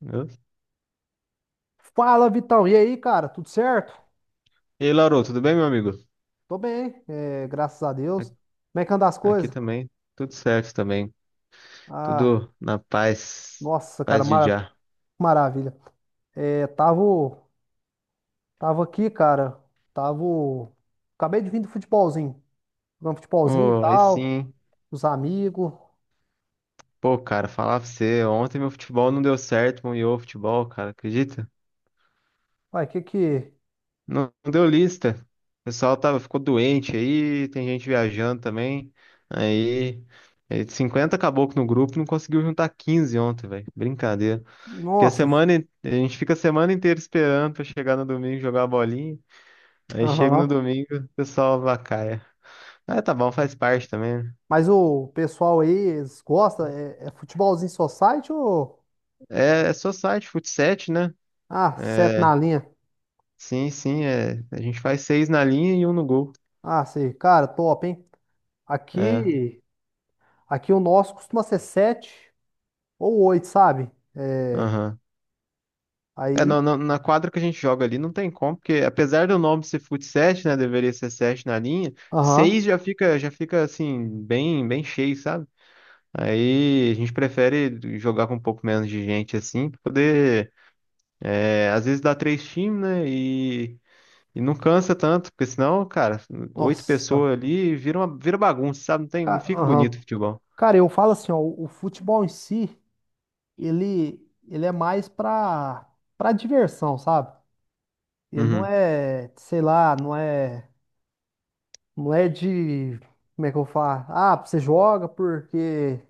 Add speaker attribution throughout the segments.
Speaker 1: Eu-
Speaker 2: Fala, Vitão. E aí, cara? Tudo certo?
Speaker 1: E aí, Lauro, tudo bem, meu amigo?
Speaker 2: Tô bem, é, graças a
Speaker 1: A-
Speaker 2: Deus. Como é que anda as
Speaker 1: Aqui
Speaker 2: coisas?
Speaker 1: também, tudo certo também.
Speaker 2: Ah,
Speaker 1: Tudo na paz,
Speaker 2: nossa, cara,
Speaker 1: paz de já.
Speaker 2: maravilha. É, tava aqui, cara. Tava. Acabei de vir do futebolzinho. Jogando futebolzinho e
Speaker 1: Oh, aí
Speaker 2: tal.
Speaker 1: sim.
Speaker 2: Os amigos.
Speaker 1: Pô, cara, falar pra você, ontem meu futebol não deu certo, meu ioô futebol, cara, acredita?
Speaker 2: Ué, que que.
Speaker 1: Não, deu lista. O pessoal tava, ficou doente aí, tem gente viajando também. Aí, aí, 50 caboclo no grupo, não conseguiu juntar 15 ontem, velho. Brincadeira. Porque a
Speaker 2: Nossa.
Speaker 1: semana, a gente fica a semana inteira esperando pra chegar no domingo e jogar a bolinha. Aí chega no
Speaker 2: Aham.
Speaker 1: domingo, o pessoal vacaia. Ah, tá bom, faz parte também, né?
Speaker 2: Mas o pessoal aí, eles gostam? É futebolzinho society ou.
Speaker 1: É, é só site, fut7, né?
Speaker 2: Ah, sete
Speaker 1: É,
Speaker 2: na linha.
Speaker 1: sim, sim, é. A gente faz seis na linha e um no gol.
Speaker 2: Ah, sei. Cara, top, hein?
Speaker 1: É,
Speaker 2: Aqui. Aqui o nosso costuma ser sete ou oito, sabe?
Speaker 1: aham. É,
Speaker 2: Aí,
Speaker 1: na quadra que a gente joga ali não tem como, porque apesar do nome ser fut7, né, deveria ser 7 na linha,
Speaker 2: aham,
Speaker 1: seis já fica assim, bem cheio, sabe? Aí a gente prefere jogar com um pouco menos de gente assim, pra poder, às vezes dá três times, né, e não cansa tanto, porque senão, cara, oito
Speaker 2: nossa,
Speaker 1: pessoas ali vira uma, vira bagunça, sabe? Não tem, não fica bonito o
Speaker 2: aham.
Speaker 1: futebol.
Speaker 2: Cara, eu falo assim, ó, o futebol em si, ele, ele é mais pra, pra diversão, sabe? Ele não
Speaker 1: Uhum.
Speaker 2: é, sei lá, não é de, como é que eu falo? Ah, você joga porque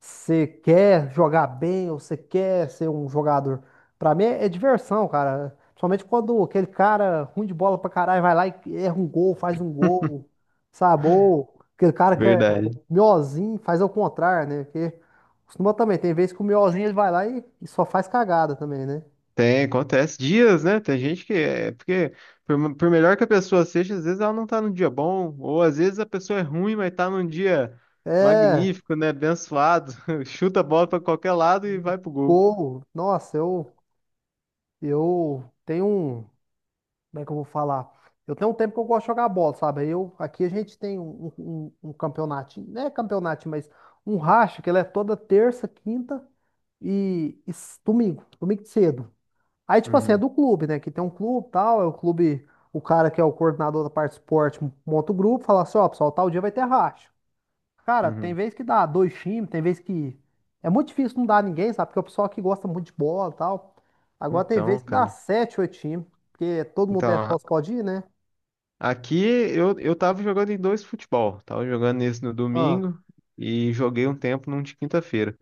Speaker 2: você quer jogar bem ou você quer ser um jogador? Pra mim é, é diversão, cara. Principalmente quando aquele cara ruim de bola pra caralho vai lá e erra um gol, faz um gol, sabe? Ou aquele cara que é
Speaker 1: Verdade.
Speaker 2: miozinho faz ao contrário, né? Porque costuma também, tem vezes que o miozinho ele vai lá e só faz cagada também, né?
Speaker 1: Tem, acontece dias, né? Tem gente que é porque por melhor que a pessoa seja, às vezes ela não tá num dia bom, ou às vezes a pessoa é ruim, mas tá num dia
Speaker 2: É,
Speaker 1: magnífico, né? Abençoado, chuta a bola pra qualquer lado e
Speaker 2: e
Speaker 1: vai pro gol.
Speaker 2: gol. Nossa, eu tenho um. Como é que eu vou falar? Eu tenho um tempo que eu gosto de jogar bola, sabe? Aí eu, aqui a gente tem um campeonato, não é campeonato, mas um racha, que ele é toda terça, quinta e domingo de cedo. Aí, tipo assim, é
Speaker 1: Uhum,
Speaker 2: do clube, né? Que tem um clube e tal, é o clube, o cara que é o coordenador da parte de esporte monta o grupo, fala assim, ó, pessoal, tal dia vai ter racha. Cara, tem
Speaker 1: uhum.
Speaker 2: vez que dá dois times, tem vez que. É muito difícil não dar ninguém, sabe? Porque o pessoal aqui gosta muito de bola e tal. Agora tem vez
Speaker 1: Então,
Speaker 2: que dá
Speaker 1: cara.
Speaker 2: sete, oito times. Porque todo mundo é
Speaker 1: Então,
Speaker 2: sócio, pode ir, né?
Speaker 1: aqui eu tava jogando em dois futebol. Tava jogando nesse no
Speaker 2: Ah,
Speaker 1: domingo e joguei um tempo num de quinta-feira.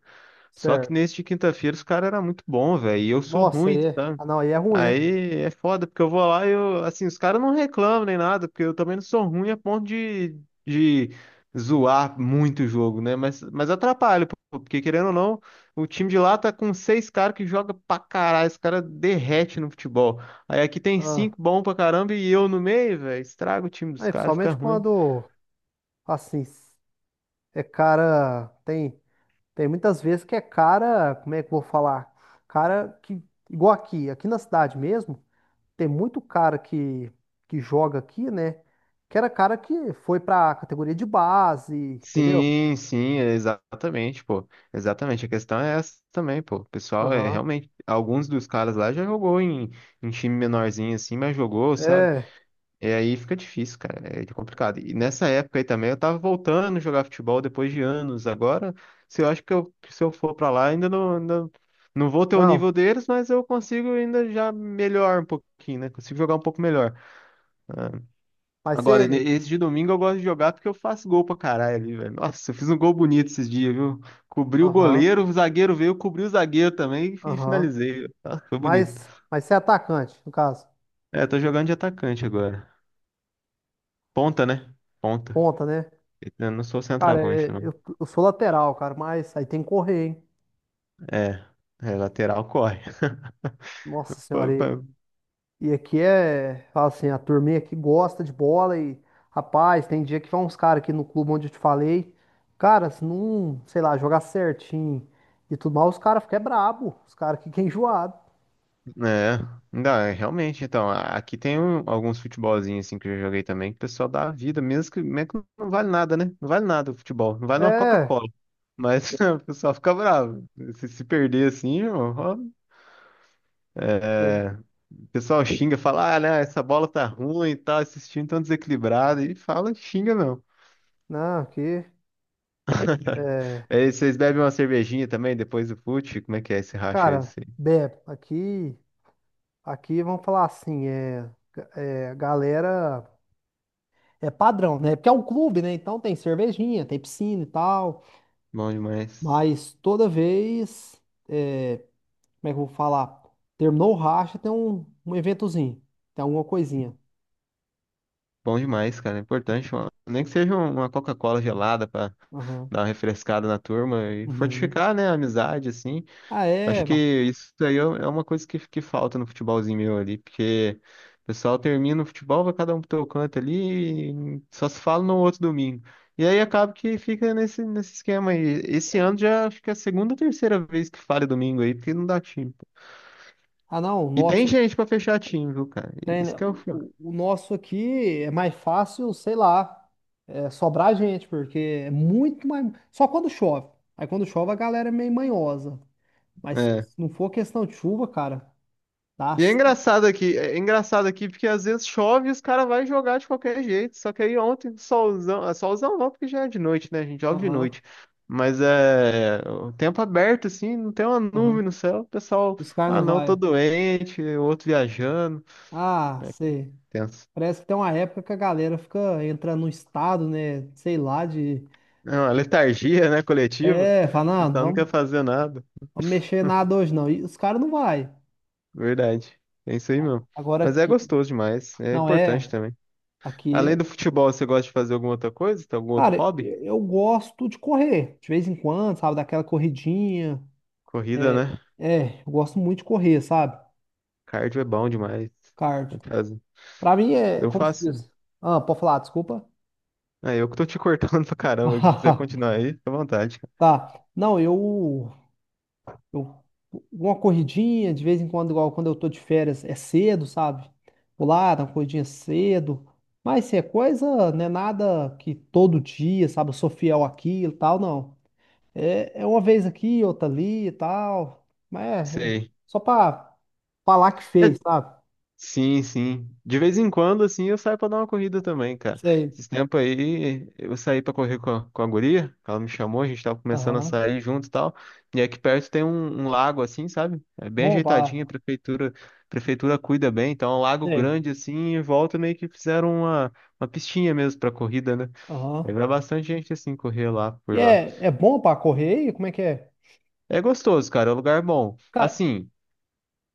Speaker 1: Só que
Speaker 2: certo.
Speaker 1: nesse de quinta-feira os caras eram muito bons, velho. E eu sou
Speaker 2: Nossa,
Speaker 1: ruim,
Speaker 2: aí é.
Speaker 1: tá?
Speaker 2: Ah, não, aí é ruim, né?
Speaker 1: Aí é foda, porque eu vou lá e eu, assim, os caras não reclamam nem nada, porque eu também não sou ruim a ponto de zoar muito o jogo, né? Mas atrapalha, pô, porque querendo ou não, o time de lá tá com seis caras que joga pra caralho, esse cara derrete no futebol. Aí aqui tem
Speaker 2: Ah,
Speaker 1: cinco bom pra caramba e eu no meio, velho, estraga o time dos
Speaker 2: aí,
Speaker 1: caras, fica
Speaker 2: principalmente
Speaker 1: ruim.
Speaker 2: quando, assim, é cara. Tem muitas vezes que é cara. Como é que eu vou falar? Cara que. Igual aqui, na cidade mesmo. Tem muito cara que joga aqui, né? Que era cara que foi pra categoria de base, entendeu?
Speaker 1: Sim, sim, exatamente, pô. Exatamente. A questão é essa também, pô. O pessoal é
Speaker 2: Aham.
Speaker 1: realmente. Alguns dos caras lá já jogou em time menorzinho assim, mas jogou, sabe?
Speaker 2: É,
Speaker 1: E aí fica difícil, cara. É complicado. E nessa época aí também eu tava voltando a jogar futebol depois de anos. Agora, se eu acho que eu, se eu for pra lá, ainda não vou ter o nível
Speaker 2: não,
Speaker 1: deles, mas eu consigo ainda já melhor um pouquinho, né? Consigo jogar um pouco melhor.
Speaker 2: mas você.
Speaker 1: Agora, esse de domingo eu gosto de jogar porque eu faço gol pra caralho ali, velho. Nossa, eu fiz um gol bonito esses dias, viu? Cobri o
Speaker 2: Aham,
Speaker 1: goleiro, o zagueiro veio, cobri o zagueiro também e
Speaker 2: aham.
Speaker 1: finalizei. Nossa, foi bonito.
Speaker 2: Mas você é atacante, no caso.
Speaker 1: É, tô jogando de atacante agora. Ponta, né? Ponta.
Speaker 2: Ponta, né?
Speaker 1: Eu não sou
Speaker 2: Cara, é,
Speaker 1: centroavante, não.
Speaker 2: eu sou lateral, cara, mas aí tem que correr, hein?
Speaker 1: É, é lateral corre.
Speaker 2: Nossa senhora, e aqui é, fala assim, a turminha aqui gosta de bola e, rapaz, tem dia que vão uns caras aqui no clube onde eu te falei, cara, se não, sei lá, jogar certinho e tudo mais, os caras ficam brabo, os caras ficam enjoados.
Speaker 1: É, não, é, realmente, então, aqui tem alguns futebolzinhos assim que eu já joguei também, que o pessoal dá a vida, mesmo que não vale nada, né? Não vale nada o futebol, não vale uma
Speaker 2: É,
Speaker 1: Coca-Cola. Mas o pessoal fica bravo. Se perder assim, irmão, ó,
Speaker 2: né?
Speaker 1: é, o pessoal xinga, fala, ah, né, essa bola tá ruim e tal, esses times tão desequilibrados, e fala, xinga mesmo.
Speaker 2: Não, aqui, é,
Speaker 1: Aí vocês bebem uma cervejinha também depois do fute? Como é que é esse racha aí?
Speaker 2: cara, aqui, vamos falar assim, galera, é padrão, né? Porque é um clube, né? Então tem cervejinha, tem piscina e tal,
Speaker 1: Bom demais.
Speaker 2: mas toda vez. é, Como é que eu vou falar? Terminou o racha, tem um eventozinho, tem alguma coisinha.
Speaker 1: Bom demais, cara. É importante, mano. Nem que seja uma Coca-Cola gelada pra
Speaker 2: Aham.
Speaker 1: dar uma refrescada na turma e
Speaker 2: Uhum.
Speaker 1: fortificar, né, a amizade, assim.
Speaker 2: Ah,
Speaker 1: Acho
Speaker 2: é,
Speaker 1: que
Speaker 2: vá.
Speaker 1: isso aí é uma coisa que falta no futebolzinho meu ali, porque o pessoal termina o futebol, vai cada um pro teu canto ali e só se fala no outro domingo. E aí acaba que fica nesse esquema aí. Esse ano já acho que é a segunda ou terceira vez que falha domingo aí, porque não dá time.
Speaker 2: Ah, não,
Speaker 1: E tem
Speaker 2: nossa,
Speaker 1: gente pra fechar time, viu, cara?
Speaker 2: tem,
Speaker 1: Isso
Speaker 2: né?
Speaker 1: que é o
Speaker 2: O,
Speaker 1: fio.
Speaker 2: o o nosso aqui é mais fácil, sei lá, é, sobrar gente, porque é muito mais. Só quando chove. Aí quando chove a galera é meio manhosa. Mas se não for questão de chuva, cara, dá.
Speaker 1: E é engraçado aqui porque às vezes chove e os caras vão jogar de qualquer jeito. Só que aí ontem, solzão, ah, solzão não, porque já é de noite, né? A gente joga de
Speaker 2: Aham,
Speaker 1: noite. Mas é o tempo aberto, assim, não tem uma
Speaker 2: aham.
Speaker 1: nuvem no céu. O pessoal,
Speaker 2: Os caras
Speaker 1: ah,
Speaker 2: não
Speaker 1: não, tô
Speaker 2: vai.
Speaker 1: doente, o outro viajando.
Speaker 2: Ah,
Speaker 1: É
Speaker 2: sei.
Speaker 1: tenso.
Speaker 2: Parece que tem uma época que a galera fica entrando no estado, né? Sei lá, de.
Speaker 1: É uma letargia, né, coletiva.
Speaker 2: É,
Speaker 1: O
Speaker 2: fala, não,
Speaker 1: pessoal não quer
Speaker 2: vamos,
Speaker 1: fazer nada.
Speaker 2: vamos mexer nada hoje não. E os caras não vai.
Speaker 1: Verdade. É isso aí mesmo.
Speaker 2: Agora
Speaker 1: Mas é
Speaker 2: aqui,
Speaker 1: gostoso demais, é
Speaker 2: não
Speaker 1: importante
Speaker 2: é.
Speaker 1: também.
Speaker 2: Aqui,
Speaker 1: Além do futebol, você gosta de fazer alguma outra coisa? Tem algum outro
Speaker 2: cara,
Speaker 1: hobby?
Speaker 2: eu gosto de correr. De vez em quando, sabe? Daquela corridinha.
Speaker 1: Corrida,
Speaker 2: É,
Speaker 1: né?
Speaker 2: eu gosto muito de correr, sabe?
Speaker 1: Cardio é bom demais.
Speaker 2: Cardio.
Speaker 1: Tem que fazer.
Speaker 2: Pra mim é,
Speaker 1: Eu
Speaker 2: como se
Speaker 1: faço.
Speaker 2: diz? Ah, pode falar, desculpa.
Speaker 1: É, eu que tô te cortando pra caramba. Se quiser continuar aí, fica à vontade, cara.
Speaker 2: Tá. Não, eu. Eu, uma corridinha, de vez em quando, igual quando eu tô de férias, é cedo, sabe? Vou lá, dar uma corridinha cedo. Mas se é coisa, não é nada que todo dia, sabe? Eu sou fiel àquilo e tal, não. É uma vez aqui, outra ali e tal. Mas é
Speaker 1: Sei.
Speaker 2: só pra falar que
Speaker 1: É,
Speaker 2: fez, sabe?
Speaker 1: sim, sim. De vez em quando, assim, eu saio pra dar uma corrida também, cara.
Speaker 2: Sei.
Speaker 1: Esses tempos aí, eu saí pra correr com com a guria. Ela me chamou, a gente tava começando a
Speaker 2: Aham.
Speaker 1: sair junto e tal. E aqui perto tem um, um lago, assim, sabe? É bem
Speaker 2: Bom pra.
Speaker 1: ajeitadinho, a prefeitura cuida bem. Então, é um lago
Speaker 2: Sei.
Speaker 1: grande, assim, e em volta meio que fizeram uma pistinha mesmo pra corrida, né? Aí
Speaker 2: Aham.
Speaker 1: vai bastante gente assim correr lá
Speaker 2: E
Speaker 1: por lá.
Speaker 2: é bom pra correr? E como é que é?
Speaker 1: É gostoso, cara, é um lugar bom.
Speaker 2: Cara.
Speaker 1: Assim,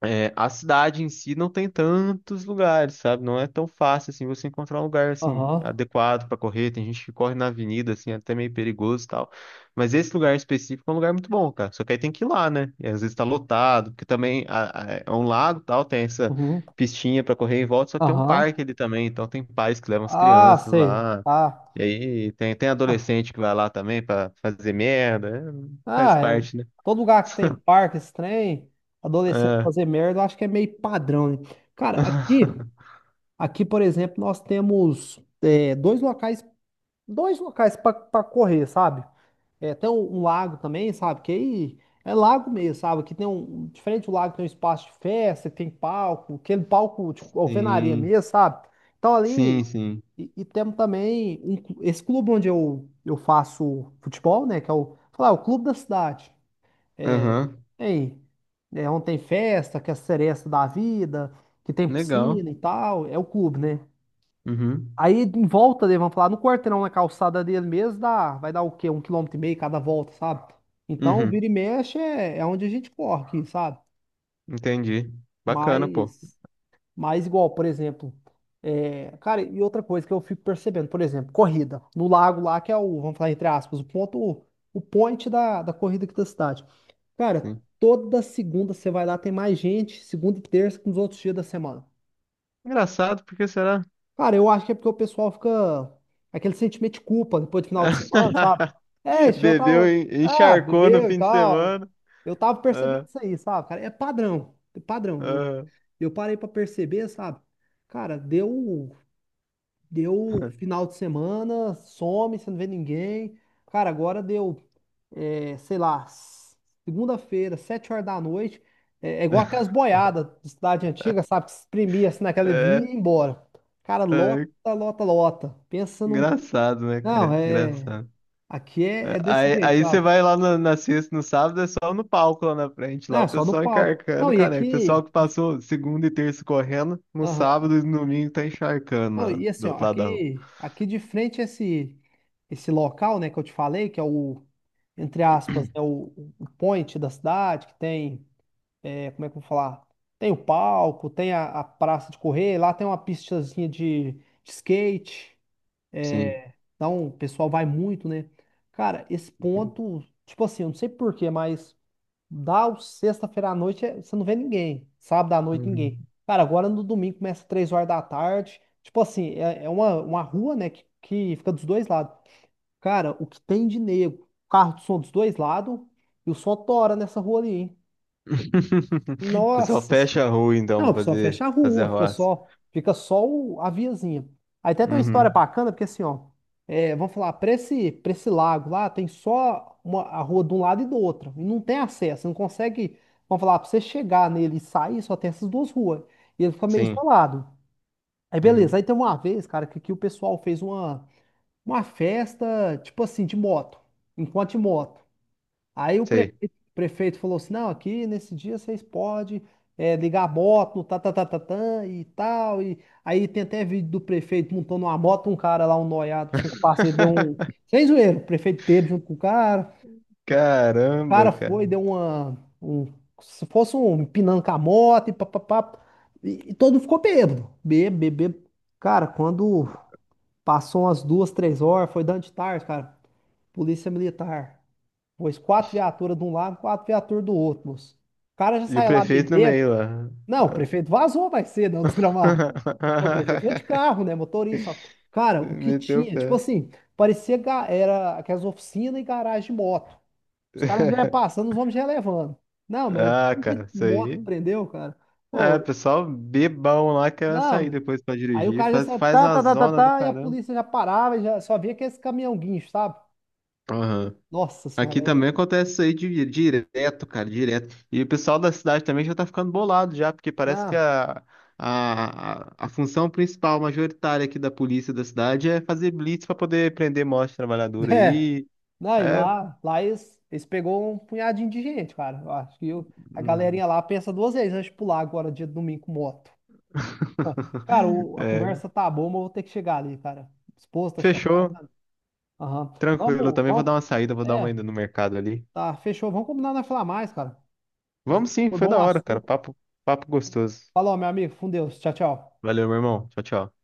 Speaker 1: é, a cidade em si não tem tantos lugares, sabe? Não é tão fácil assim você encontrar um lugar assim
Speaker 2: Aham.
Speaker 1: adequado pra correr. Tem gente que corre na avenida assim, é até meio perigoso e tal. Mas esse lugar específico é um lugar muito bom, cara. Só que aí tem que ir lá, né? E às vezes tá lotado, porque também é um lago, e tal, tem essa
Speaker 2: Uhum.
Speaker 1: pistinha pra correr em volta, só que tem um
Speaker 2: Aham.
Speaker 1: parque ali também, então tem pais que levam as
Speaker 2: Ah,
Speaker 1: crianças
Speaker 2: sei.
Speaker 1: lá.
Speaker 2: Tá.
Speaker 1: E aí tem, tem
Speaker 2: Ah,
Speaker 1: adolescente que vai lá também pra fazer merda. É, faz
Speaker 2: Ah, é.
Speaker 1: parte, né?
Speaker 2: Todo lugar que tem parque, esse trem, adolescente
Speaker 1: É.
Speaker 2: fazer merda, eu acho que é meio padrão, né? Cara, aqui, aqui, por exemplo, nós temos dois locais para correr, sabe? É, tem um lago também, sabe? Que aí é lago mesmo, sabe? Aqui tem um, diferente do lago, tem um espaço de festa, tem palco, aquele palco, tipo, alvenaria
Speaker 1: Sim,
Speaker 2: mesmo, sabe? Então ali,
Speaker 1: sim, sim.
Speaker 2: e temos também um esse clube onde eu faço futebol, né? Que é o, sei lá, o clube da cidade.
Speaker 1: Aham.
Speaker 2: Ei, é onde tem festa, que é a seresta da vida, que tem
Speaker 1: Legal.
Speaker 2: piscina e tal, é o clube, né?
Speaker 1: Uhum.
Speaker 2: Aí em volta dele, vamos falar, no quarteirão, na calçada dele mesmo, dá, vai dar o quê? Um quilômetro e meio cada volta, sabe? Então,
Speaker 1: Uhum.
Speaker 2: vira e mexe é onde a gente corre, aqui, sabe?
Speaker 1: Entendi. Bacana, pô.
Speaker 2: Mas mas igual, por exemplo, é, cara, e outra coisa que eu fico percebendo, por exemplo, corrida no lago lá, que é o, vamos falar entre aspas, o ponto, o point da corrida aqui da cidade. Cara,
Speaker 1: Sim.
Speaker 2: toda segunda você vai lá, tem mais gente, segunda e terça que nos outros dias da semana.
Speaker 1: Engraçado, porque será?
Speaker 2: Cara, eu acho que é porque o pessoal fica aquele sentimento de culpa depois do final de semana, sabe? É, esse eu
Speaker 1: Bebeu,
Speaker 2: tava, ah,
Speaker 1: encharcou no
Speaker 2: bebeu e
Speaker 1: fim de
Speaker 2: tal.
Speaker 1: semana.
Speaker 2: Eu tava percebendo
Speaker 1: Ah,
Speaker 2: isso aí, sabe, cara? É padrão, é padrão. Eu,
Speaker 1: ah.
Speaker 2: eu parei pra perceber, sabe? Cara, deu final de semana, some, você não vê ninguém. Cara, agora deu, é, sei lá, segunda-feira, 7 horas da noite. É igual aquelas boiadas de cidade antiga, sabe? Que se exprimia assim naquela via
Speaker 1: É,
Speaker 2: e ia embora. Cara, lota,
Speaker 1: é,
Speaker 2: lota, lota. Pensa num.
Speaker 1: engraçado, né,
Speaker 2: Não,
Speaker 1: cara?
Speaker 2: é.
Speaker 1: Engraçado.
Speaker 2: Aqui é desse
Speaker 1: Aí,
Speaker 2: jeito,
Speaker 1: aí você
Speaker 2: sabe?
Speaker 1: vai lá na sexta, no sábado, é só no palco lá na frente,
Speaker 2: Não,
Speaker 1: lá
Speaker 2: é
Speaker 1: o
Speaker 2: só no
Speaker 1: pessoal
Speaker 2: palco. Não,
Speaker 1: encharcando,
Speaker 2: e
Speaker 1: caneco. O
Speaker 2: aqui.
Speaker 1: pessoal que passou segunda e terça correndo, no sábado e no domingo tá encharcando
Speaker 2: Não,
Speaker 1: lá,
Speaker 2: e assim,
Speaker 1: do
Speaker 2: ó,
Speaker 1: outro lado da rua.
Speaker 2: aqui, de frente esse local, né, que eu te falei, que é o, entre aspas, né, o point da cidade, que tem, é, como é que eu vou falar? Tem o palco, tem a praça de correr, lá tem uma pistazinha de skate,
Speaker 1: Sim.
Speaker 2: então o pessoal vai muito, né? Cara, esse
Speaker 1: Uhum.
Speaker 2: ponto, tipo assim, eu não sei por quê, mas dá o sexta-feira à noite, você não vê ninguém. Sábado à noite, ninguém.
Speaker 1: Uhum.
Speaker 2: Cara, agora no domingo começa 3 horas da tarde. Tipo assim, é uma rua, né, que fica dos dois lados. Cara, o que tem de nego? Carro de som dos dois lados e o som tora nessa rua ali, hein?
Speaker 1: O pessoal
Speaker 2: Nossa!
Speaker 1: fecha a rua então
Speaker 2: Não,
Speaker 1: pra
Speaker 2: o pessoal
Speaker 1: fazer,
Speaker 2: fecha a
Speaker 1: fazer
Speaker 2: rua, fica
Speaker 1: arruaça.
Speaker 2: só, fica só a viazinha. Aí até tem uma história
Speaker 1: Uhum.
Speaker 2: bacana, porque assim, ó, é, vamos falar, para esse, lago lá, tem a rua de um lado e do outro, e não tem acesso, você não consegue, vamos falar, para você chegar nele e sair, só tem essas duas ruas, e ele fica meio
Speaker 1: Sim.
Speaker 2: isolado. Aí beleza,
Speaker 1: Uhum.
Speaker 2: aí tem uma vez, cara, que o pessoal fez uma festa, tipo assim, de moto, enquanto de moto. Aí o
Speaker 1: Sei.
Speaker 2: prefeito, o prefeito falou assim: não, aqui nesse dia vocês podem ligar a moto, no tá, tá, tá, tá, tá, e tal. E aí tem até vídeo do prefeito montando uma moto, um cara lá, um noiado, sem parceiro, deu um. Sem zoeira, o prefeito teve junto com o cara. O
Speaker 1: Caramba,
Speaker 2: cara foi,
Speaker 1: cara.
Speaker 2: deu uma. Um, se fosse um empinando com a moto e papapá. E todo mundo ficou bêbado. Bêbado, bêbado. Cara, quando passou umas 2, 3 horas, foi dando de tarde, cara. Polícia militar. Pôs quatro viaturas de um lado, quatro viaturas do outro, moço. O cara já
Speaker 1: E o
Speaker 2: sai lá
Speaker 1: prefeito no
Speaker 2: bebendo.
Speaker 1: meio lá.
Speaker 2: Não, o prefeito vazou mais cedo, é um desgramado. Não, o prefeito foi de carro, né? Motorista. Cara, o que
Speaker 1: Meteu o
Speaker 2: tinha? Tipo
Speaker 1: pé.
Speaker 2: assim, parecia era aquelas oficinas e garagem de moto. Os caras já iam passando, os homens já iam levando. Não, mas um
Speaker 1: Ah,
Speaker 2: monte
Speaker 1: cara,
Speaker 2: de
Speaker 1: isso
Speaker 2: moto que
Speaker 1: aí.
Speaker 2: prendeu, cara.
Speaker 1: É,
Speaker 2: Pô,
Speaker 1: pessoal bebão lá quer
Speaker 2: não,
Speaker 1: sair
Speaker 2: velho.
Speaker 1: depois pra
Speaker 2: Aí o
Speaker 1: dirigir.
Speaker 2: cara já
Speaker 1: Faz,
Speaker 2: saia,
Speaker 1: faz
Speaker 2: tá,
Speaker 1: uma
Speaker 2: tá, tá, tá,
Speaker 1: zona do
Speaker 2: tá, e a
Speaker 1: caramba.
Speaker 2: polícia já parava, e já só via aquele caminhão guincho, sabe?
Speaker 1: Aham.
Speaker 2: Nossa senhora,
Speaker 1: Aqui também
Speaker 2: é.
Speaker 1: acontece isso aí direto, cara, direto. E o pessoal da cidade também já tá ficando bolado já, porque parece que
Speaker 2: Não.
Speaker 1: a função principal, majoritária aqui da polícia da cidade é fazer blitz pra poder prender morte trabalhadora
Speaker 2: É.
Speaker 1: aí.
Speaker 2: Não, e
Speaker 1: É,
Speaker 2: lá eles pegou um punhadinho de gente, cara. Eu acho que a
Speaker 1: hum.
Speaker 2: galerinha lá pensa duas vezes antes de pular agora, dia de domingo com moto. Cara, a
Speaker 1: É,
Speaker 2: conversa tá boa, mas eu vou ter que chegar ali, cara. Esposa tá chamando.
Speaker 1: fechou.
Speaker 2: Aham.
Speaker 1: Tranquilo, eu
Speaker 2: Vamos,
Speaker 1: também vou dar
Speaker 2: vamos.
Speaker 1: uma saída, vou dar uma
Speaker 2: É,
Speaker 1: ida no mercado ali.
Speaker 2: tá, fechou. Vamos combinar não falar mais, cara. É,
Speaker 1: Vamos sim,
Speaker 2: foi
Speaker 1: foi
Speaker 2: bom
Speaker 1: da
Speaker 2: o
Speaker 1: hora, cara.
Speaker 2: assunto.
Speaker 1: Papo, papo gostoso.
Speaker 2: Falou, meu amigo. Com Deus. Tchau, tchau.
Speaker 1: Valeu, meu irmão. Tchau, tchau.